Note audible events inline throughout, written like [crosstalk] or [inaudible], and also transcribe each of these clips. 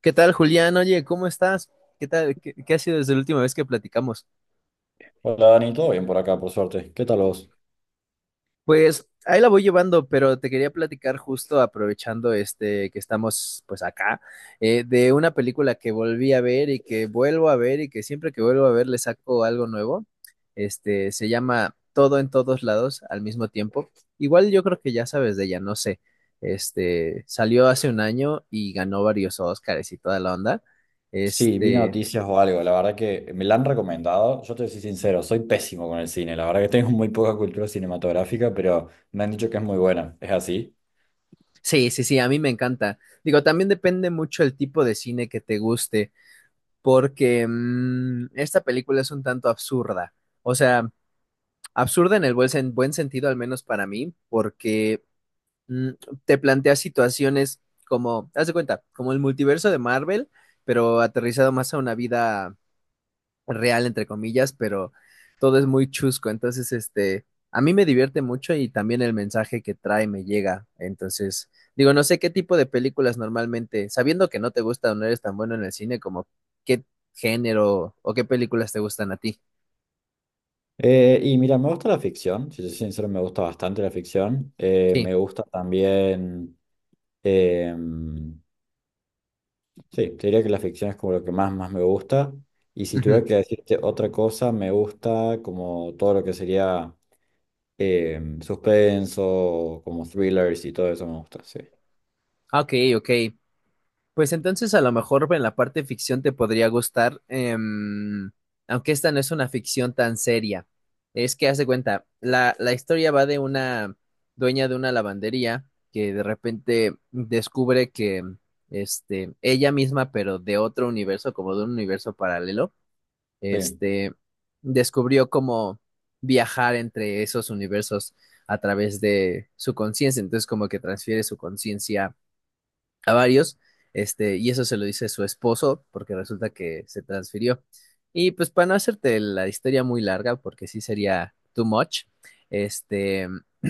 ¿Qué tal, Julián? Oye, ¿cómo estás? ¿Qué tal? ¿¿Qué ha sido desde la última vez que platicamos? Hola Dani, todo bien por acá, por suerte. ¿Qué tal vos? Pues ahí la voy llevando, pero te quería platicar justo aprovechando este que estamos pues acá, de una película que volví a ver y que vuelvo a ver y que siempre que vuelvo a ver le saco algo nuevo. Este se llama Todo en todos lados al mismo tiempo. Igual yo creo que ya sabes de ella, no sé. Este salió hace un año y ganó varios Oscars y toda la onda. Sí, vi Este. noticias o algo. La verdad que me la han recomendado. Yo te soy sincero, soy pésimo con el cine. La verdad que tengo [laughs] muy poca cultura cinematográfica, pero me han dicho que es muy buena. ¿Es así? Sí, sí, sí, a mí me encanta. Digo, también depende mucho el tipo de cine que te guste, porque esta película es un tanto absurda. O sea, absurda en el buen, buen sentido, al menos para mí, porque mm, te plantea situaciones como, haz de cuenta, como el multiverso de Marvel, pero aterrizado más a una vida real, entre comillas, pero todo es muy chusco. Entonces, este, a mí me divierte mucho y también el mensaje que trae me llega. Entonces, digo, no sé qué tipo de películas normalmente, sabiendo que no te gusta o no eres tan bueno en el cine, como qué género o qué películas te gustan a ti. Y mira, me gusta la ficción. Si soy sincero, me gusta bastante la ficción. Sí. Me gusta también. eh, sí, te diría que la ficción es como lo que más me gusta. Y si Ujú. tuviera que decirte otra cosa, me gusta como todo lo que sería. Suspenso, como thrillers y todo eso me gusta, sí. Ok, ok. Pues entonces a lo mejor en la parte ficción te podría gustar, aunque esta no es una ficción tan seria. Es que haz de cuenta, la historia va de una dueña de una lavandería que de repente descubre que este, ella misma, pero de otro universo, como de un universo paralelo, Sí, este, descubrió cómo viajar entre esos universos a través de su conciencia. Entonces como que transfiere su conciencia a varios, este, y eso se lo dice su esposo, porque resulta que se transfirió. Y pues para no hacerte la historia muy larga, porque sí sería too much, este, [clears throat]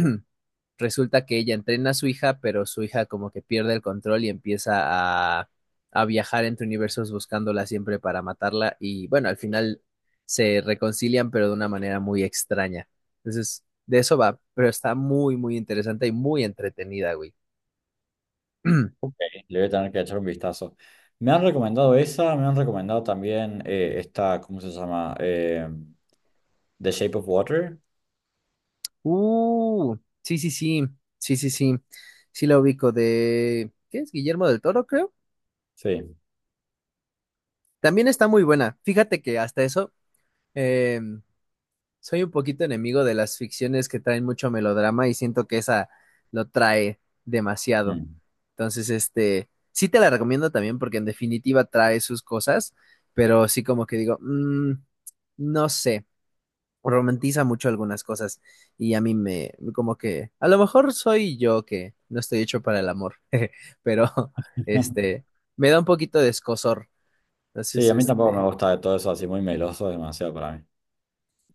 resulta que ella entrena a su hija, pero su hija como que pierde el control y empieza a viajar entre universos buscándola siempre para matarla, y bueno, al final se reconcilian, pero de una manera muy extraña. Entonces, de eso va, pero está muy, muy interesante y muy entretenida, güey. [clears throat] ok, le voy a tener que echar un vistazo. Me han recomendado esa, me han recomendado también esta, ¿cómo se llama? The Shape of Water. Uh, sí, sí, sí, sí, sí, sí, sí la ubico de, ¿qué es? Guillermo del Toro, creo. Sí. También está muy buena. Fíjate que hasta eso, eh, soy un poquito enemigo de las ficciones que traen mucho melodrama y siento que esa lo trae demasiado. Mm. Entonces, este, sí te la recomiendo también porque en definitiva trae sus cosas, pero sí como que digo, mm, no sé. Romantiza mucho algunas cosas y a mí me, como que, a lo mejor soy yo que no estoy hecho para el amor, [laughs] pero [laughs] este, me da un poquito de escozor. Sí, Entonces, a mí tampoco me este, gusta de todo eso así muy meloso, es demasiado para mí.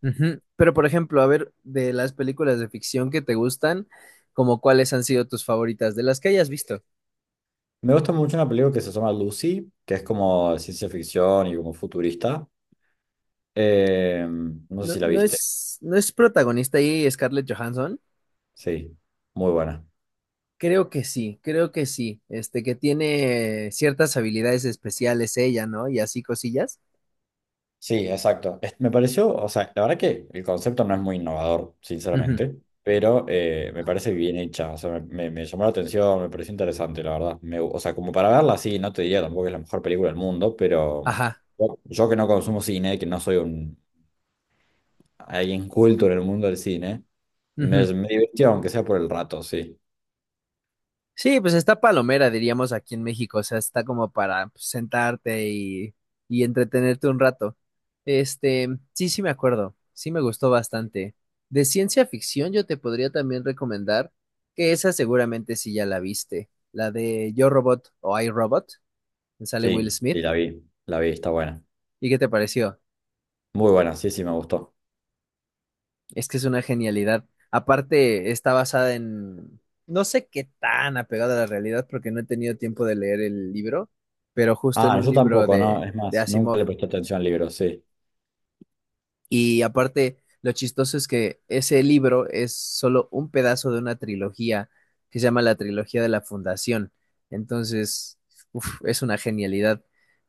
ujú. Pero por ejemplo, a ver, de las películas de ficción que te gustan, como cuáles han sido tus favoritas, de las que hayas visto. Me gusta mucho una película que se llama Lucy, que es como ciencia ficción y como futurista. No sé No, si la no viste. es, no es protagonista ahí Scarlett Johansson. Sí, muy buena. Creo que sí, este, que tiene ciertas habilidades especiales ella, ¿no? Y así cosillas. Sí, exacto. Me pareció, o sea, la verdad que el concepto no es muy innovador, Ujú. sinceramente, pero me parece bien hecha, o sea, me llamó la atención, me pareció interesante, la verdad. O sea, como para verla, sí, no te diría tampoco que es la mejor película del mundo, pero Ajá. yo que no consumo cine, que no soy un alguien culto en el mundo del cine, Ujú. me divirtió, aunque sea por el rato, sí. Sí, pues está palomera, diríamos aquí en México, o sea, está como para pues, sentarte y entretenerte un rato. Este, sí, sí me acuerdo, sí me gustó bastante. De ciencia ficción yo te podría también recomendar que esa seguramente sí ya la viste, la de Yo Robot o I Robot, que sale Will Sí, Smith. y la vi, está buena. ¿Y qué te pareció? Muy buena, sí, sí, me gustó. Es que es una genialidad. Aparte, está basada en, no sé qué tan apegada a la realidad porque no he tenido tiempo de leer el libro, pero justo en Ah, un yo libro tampoco, ¿no? Es de más, nunca Asimov. le presté atención al libro, sí. Y aparte, lo chistoso es que ese libro es solo un pedazo de una trilogía que se llama la trilogía de la Fundación. Entonces, uf, es una genialidad.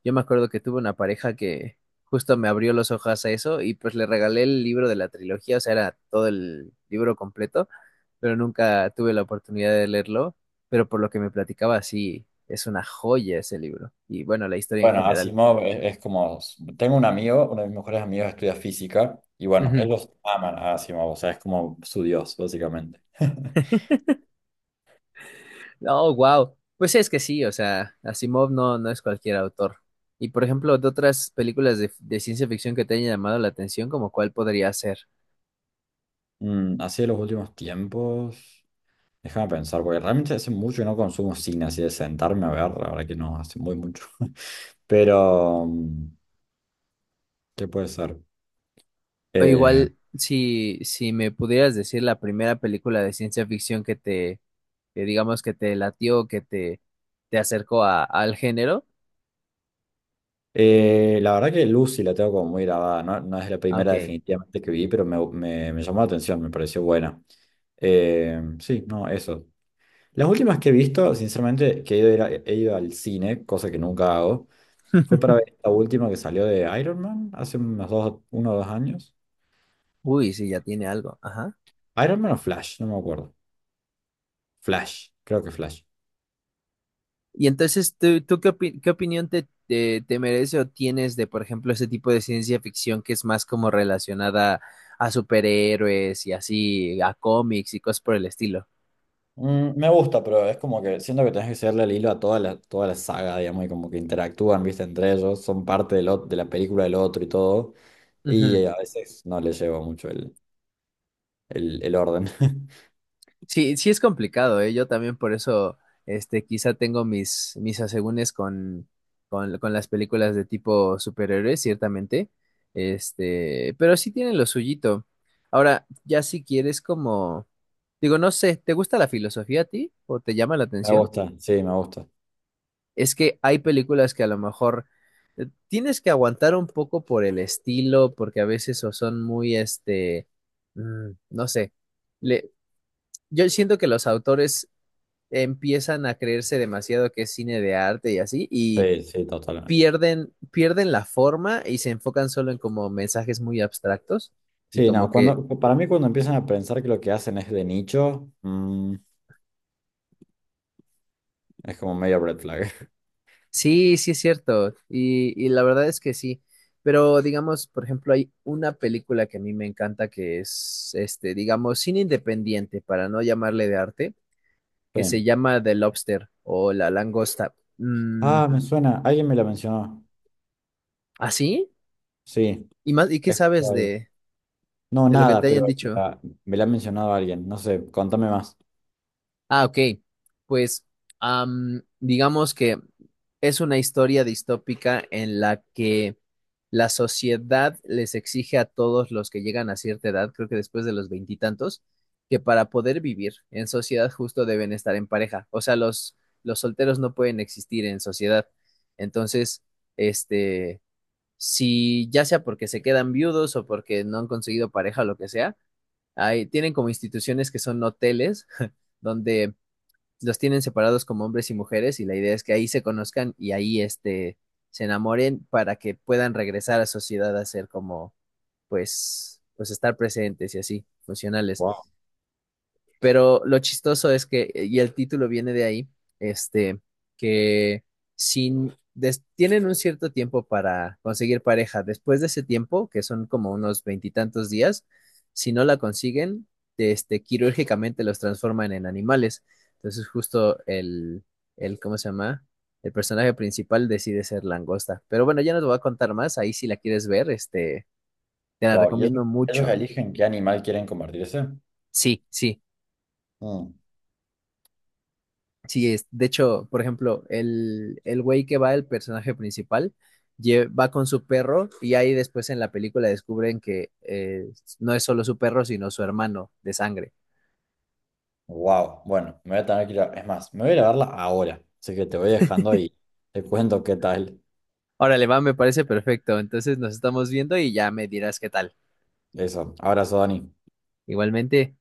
Yo me acuerdo que tuve una pareja que justo me abrió los ojos a eso y pues le regalé el libro de la trilogía, o sea, era todo el libro completo, pero nunca tuve la oportunidad de leerlo. Pero por lo que me platicaba, sí, es una joya ese libro. Y bueno, la historia en Bueno, general. Asimov es como, tengo un amigo, uno de mis mejores amigos estudia física y bueno, Ujú. ellos aman a Asimov, o sea, es como su dios, básicamente. [laughs] Oh, wow. Pues es que sí, o sea, Asimov no, no es cualquier autor. Y por ejemplo, de otras películas de ciencia ficción que te hayan llamado la atención, ¿como cuál podría ser? Mm, así de los últimos tiempos, déjame pensar, porque realmente hace mucho que no consumo cine, así de sentarme a ver, la verdad que no, hace muy mucho. [laughs] Pero, ¿qué puede ser? O Eh, igual, si, si me pudieras decir la primera película de ciencia ficción que te, que digamos que te latió, que te acercó a, al género. La verdad que Lucy la tengo como muy grabada, no, no es la Ah, primera ok. definitivamente que vi, pero me llamó la atención, me pareció buena. Sí, no, eso. Las últimas que he visto, sinceramente, que he ido, a ir a- he ido al cine, cosa que nunca hago, fue para ver la última que salió de Iron Man hace unos uno o dos años. Uy, sí, ya tiene algo. Ajá. Iron Man o Flash, no me acuerdo. Flash, creo que Flash. Y entonces, ¿tú, tú qué, qué opinión te, te, te merece o tienes de, por ejemplo, ese tipo de ciencia ficción que es más como relacionada a superhéroes y así, a cómics y cosas por el estilo? Mm, me gusta, pero es como que siento que tenés que seguirle el hilo a toda la saga, digamos, y como que interactúan, viste, entre ellos, son parte de la película del otro y todo, y Ujú. A veces no le llevo mucho el orden. [laughs] Sí, sí es complicado, ¿eh? Yo también por eso, este, quizá tengo mis, mis asegúnes con, con las películas de tipo superhéroes, ciertamente, este, pero sí tienen lo suyito. Ahora, ya si quieres como, digo, no sé, ¿te gusta la filosofía a ti o te llama la atención? Me gusta. Es que hay películas que a lo mejor tienes que aguantar un poco por el estilo, porque a veces o son muy, este, mm, no sé. Le- yo siento que los autores empiezan a creerse demasiado que es cine de arte y así, y Sí, sí, totalmente. Pierden la forma y se enfocan solo en como mensajes muy abstractos y Sí, como no, que cuando, para mí cuando empiezan a pensar que lo que hacen es de nicho, es como medio red flag. [laughs] sí, sí es cierto. Y la verdad es que sí. Pero digamos, por ejemplo, hay una película que a mí me encanta que es, este, digamos, cine independiente, para no llamarle de arte, que se Sí. llama The Lobster o La Langosta. Mm, Ah, me suena, alguien me la mencionó. ¿así? Sí, ¿Y más? ¿Y he qué escuchado sabes algo. No, de lo que nada, te pero hayan dicho? la- me la ha mencionado alguien. No sé, contame más. Ah, ok. Pues am, digamos que es una historia distópica en la que la sociedad les exige a todos los que llegan a cierta edad, creo que después de los veintitantos, que para poder vivir en sociedad justo deben estar en pareja. O sea, los solteros no pueden existir en sociedad. Entonces, este, si ya sea porque se quedan viudos o porque no han conseguido pareja o lo que sea, hay, tienen como instituciones que son hoteles [laughs] donde los tienen separados como hombres y mujeres y la idea es que ahí se conozcan y ahí este se enamoren para que puedan regresar a sociedad a ser como pues pues estar presentes y así, funcionales. Wow, Pero lo chistoso es que, y el título viene de ahí, este, que sin, tienen un cierto tiempo para conseguir pareja. Después de ese tiempo, que son como unos veintitantos días, si no la consiguen, este, quirúrgicamente los transforman en animales. Entonces, justo el, ¿cómo se llama? El personaje principal decide ser langosta. Pero bueno, ya no te voy a contar más. Ahí si la quieres ver, este, te la wow. ¿Y recomiendo ellos mucho. eligen qué animal quieren convertirse? Sí, sí, sí, es, de hecho, por ejemplo, el güey que va, el personaje principal, va con su perro y ahí después en la película descubren que no es solo su perro, sino su hermano de sangre. Wow, bueno, me voy a tener que ir a- Es más, me voy a ir a verla ahora. Así que te voy dejando y te cuento qué tal. Órale, va, me parece perfecto. Entonces nos estamos viendo y ya me dirás qué tal. Eso. Abrazo, Dani. Igualmente.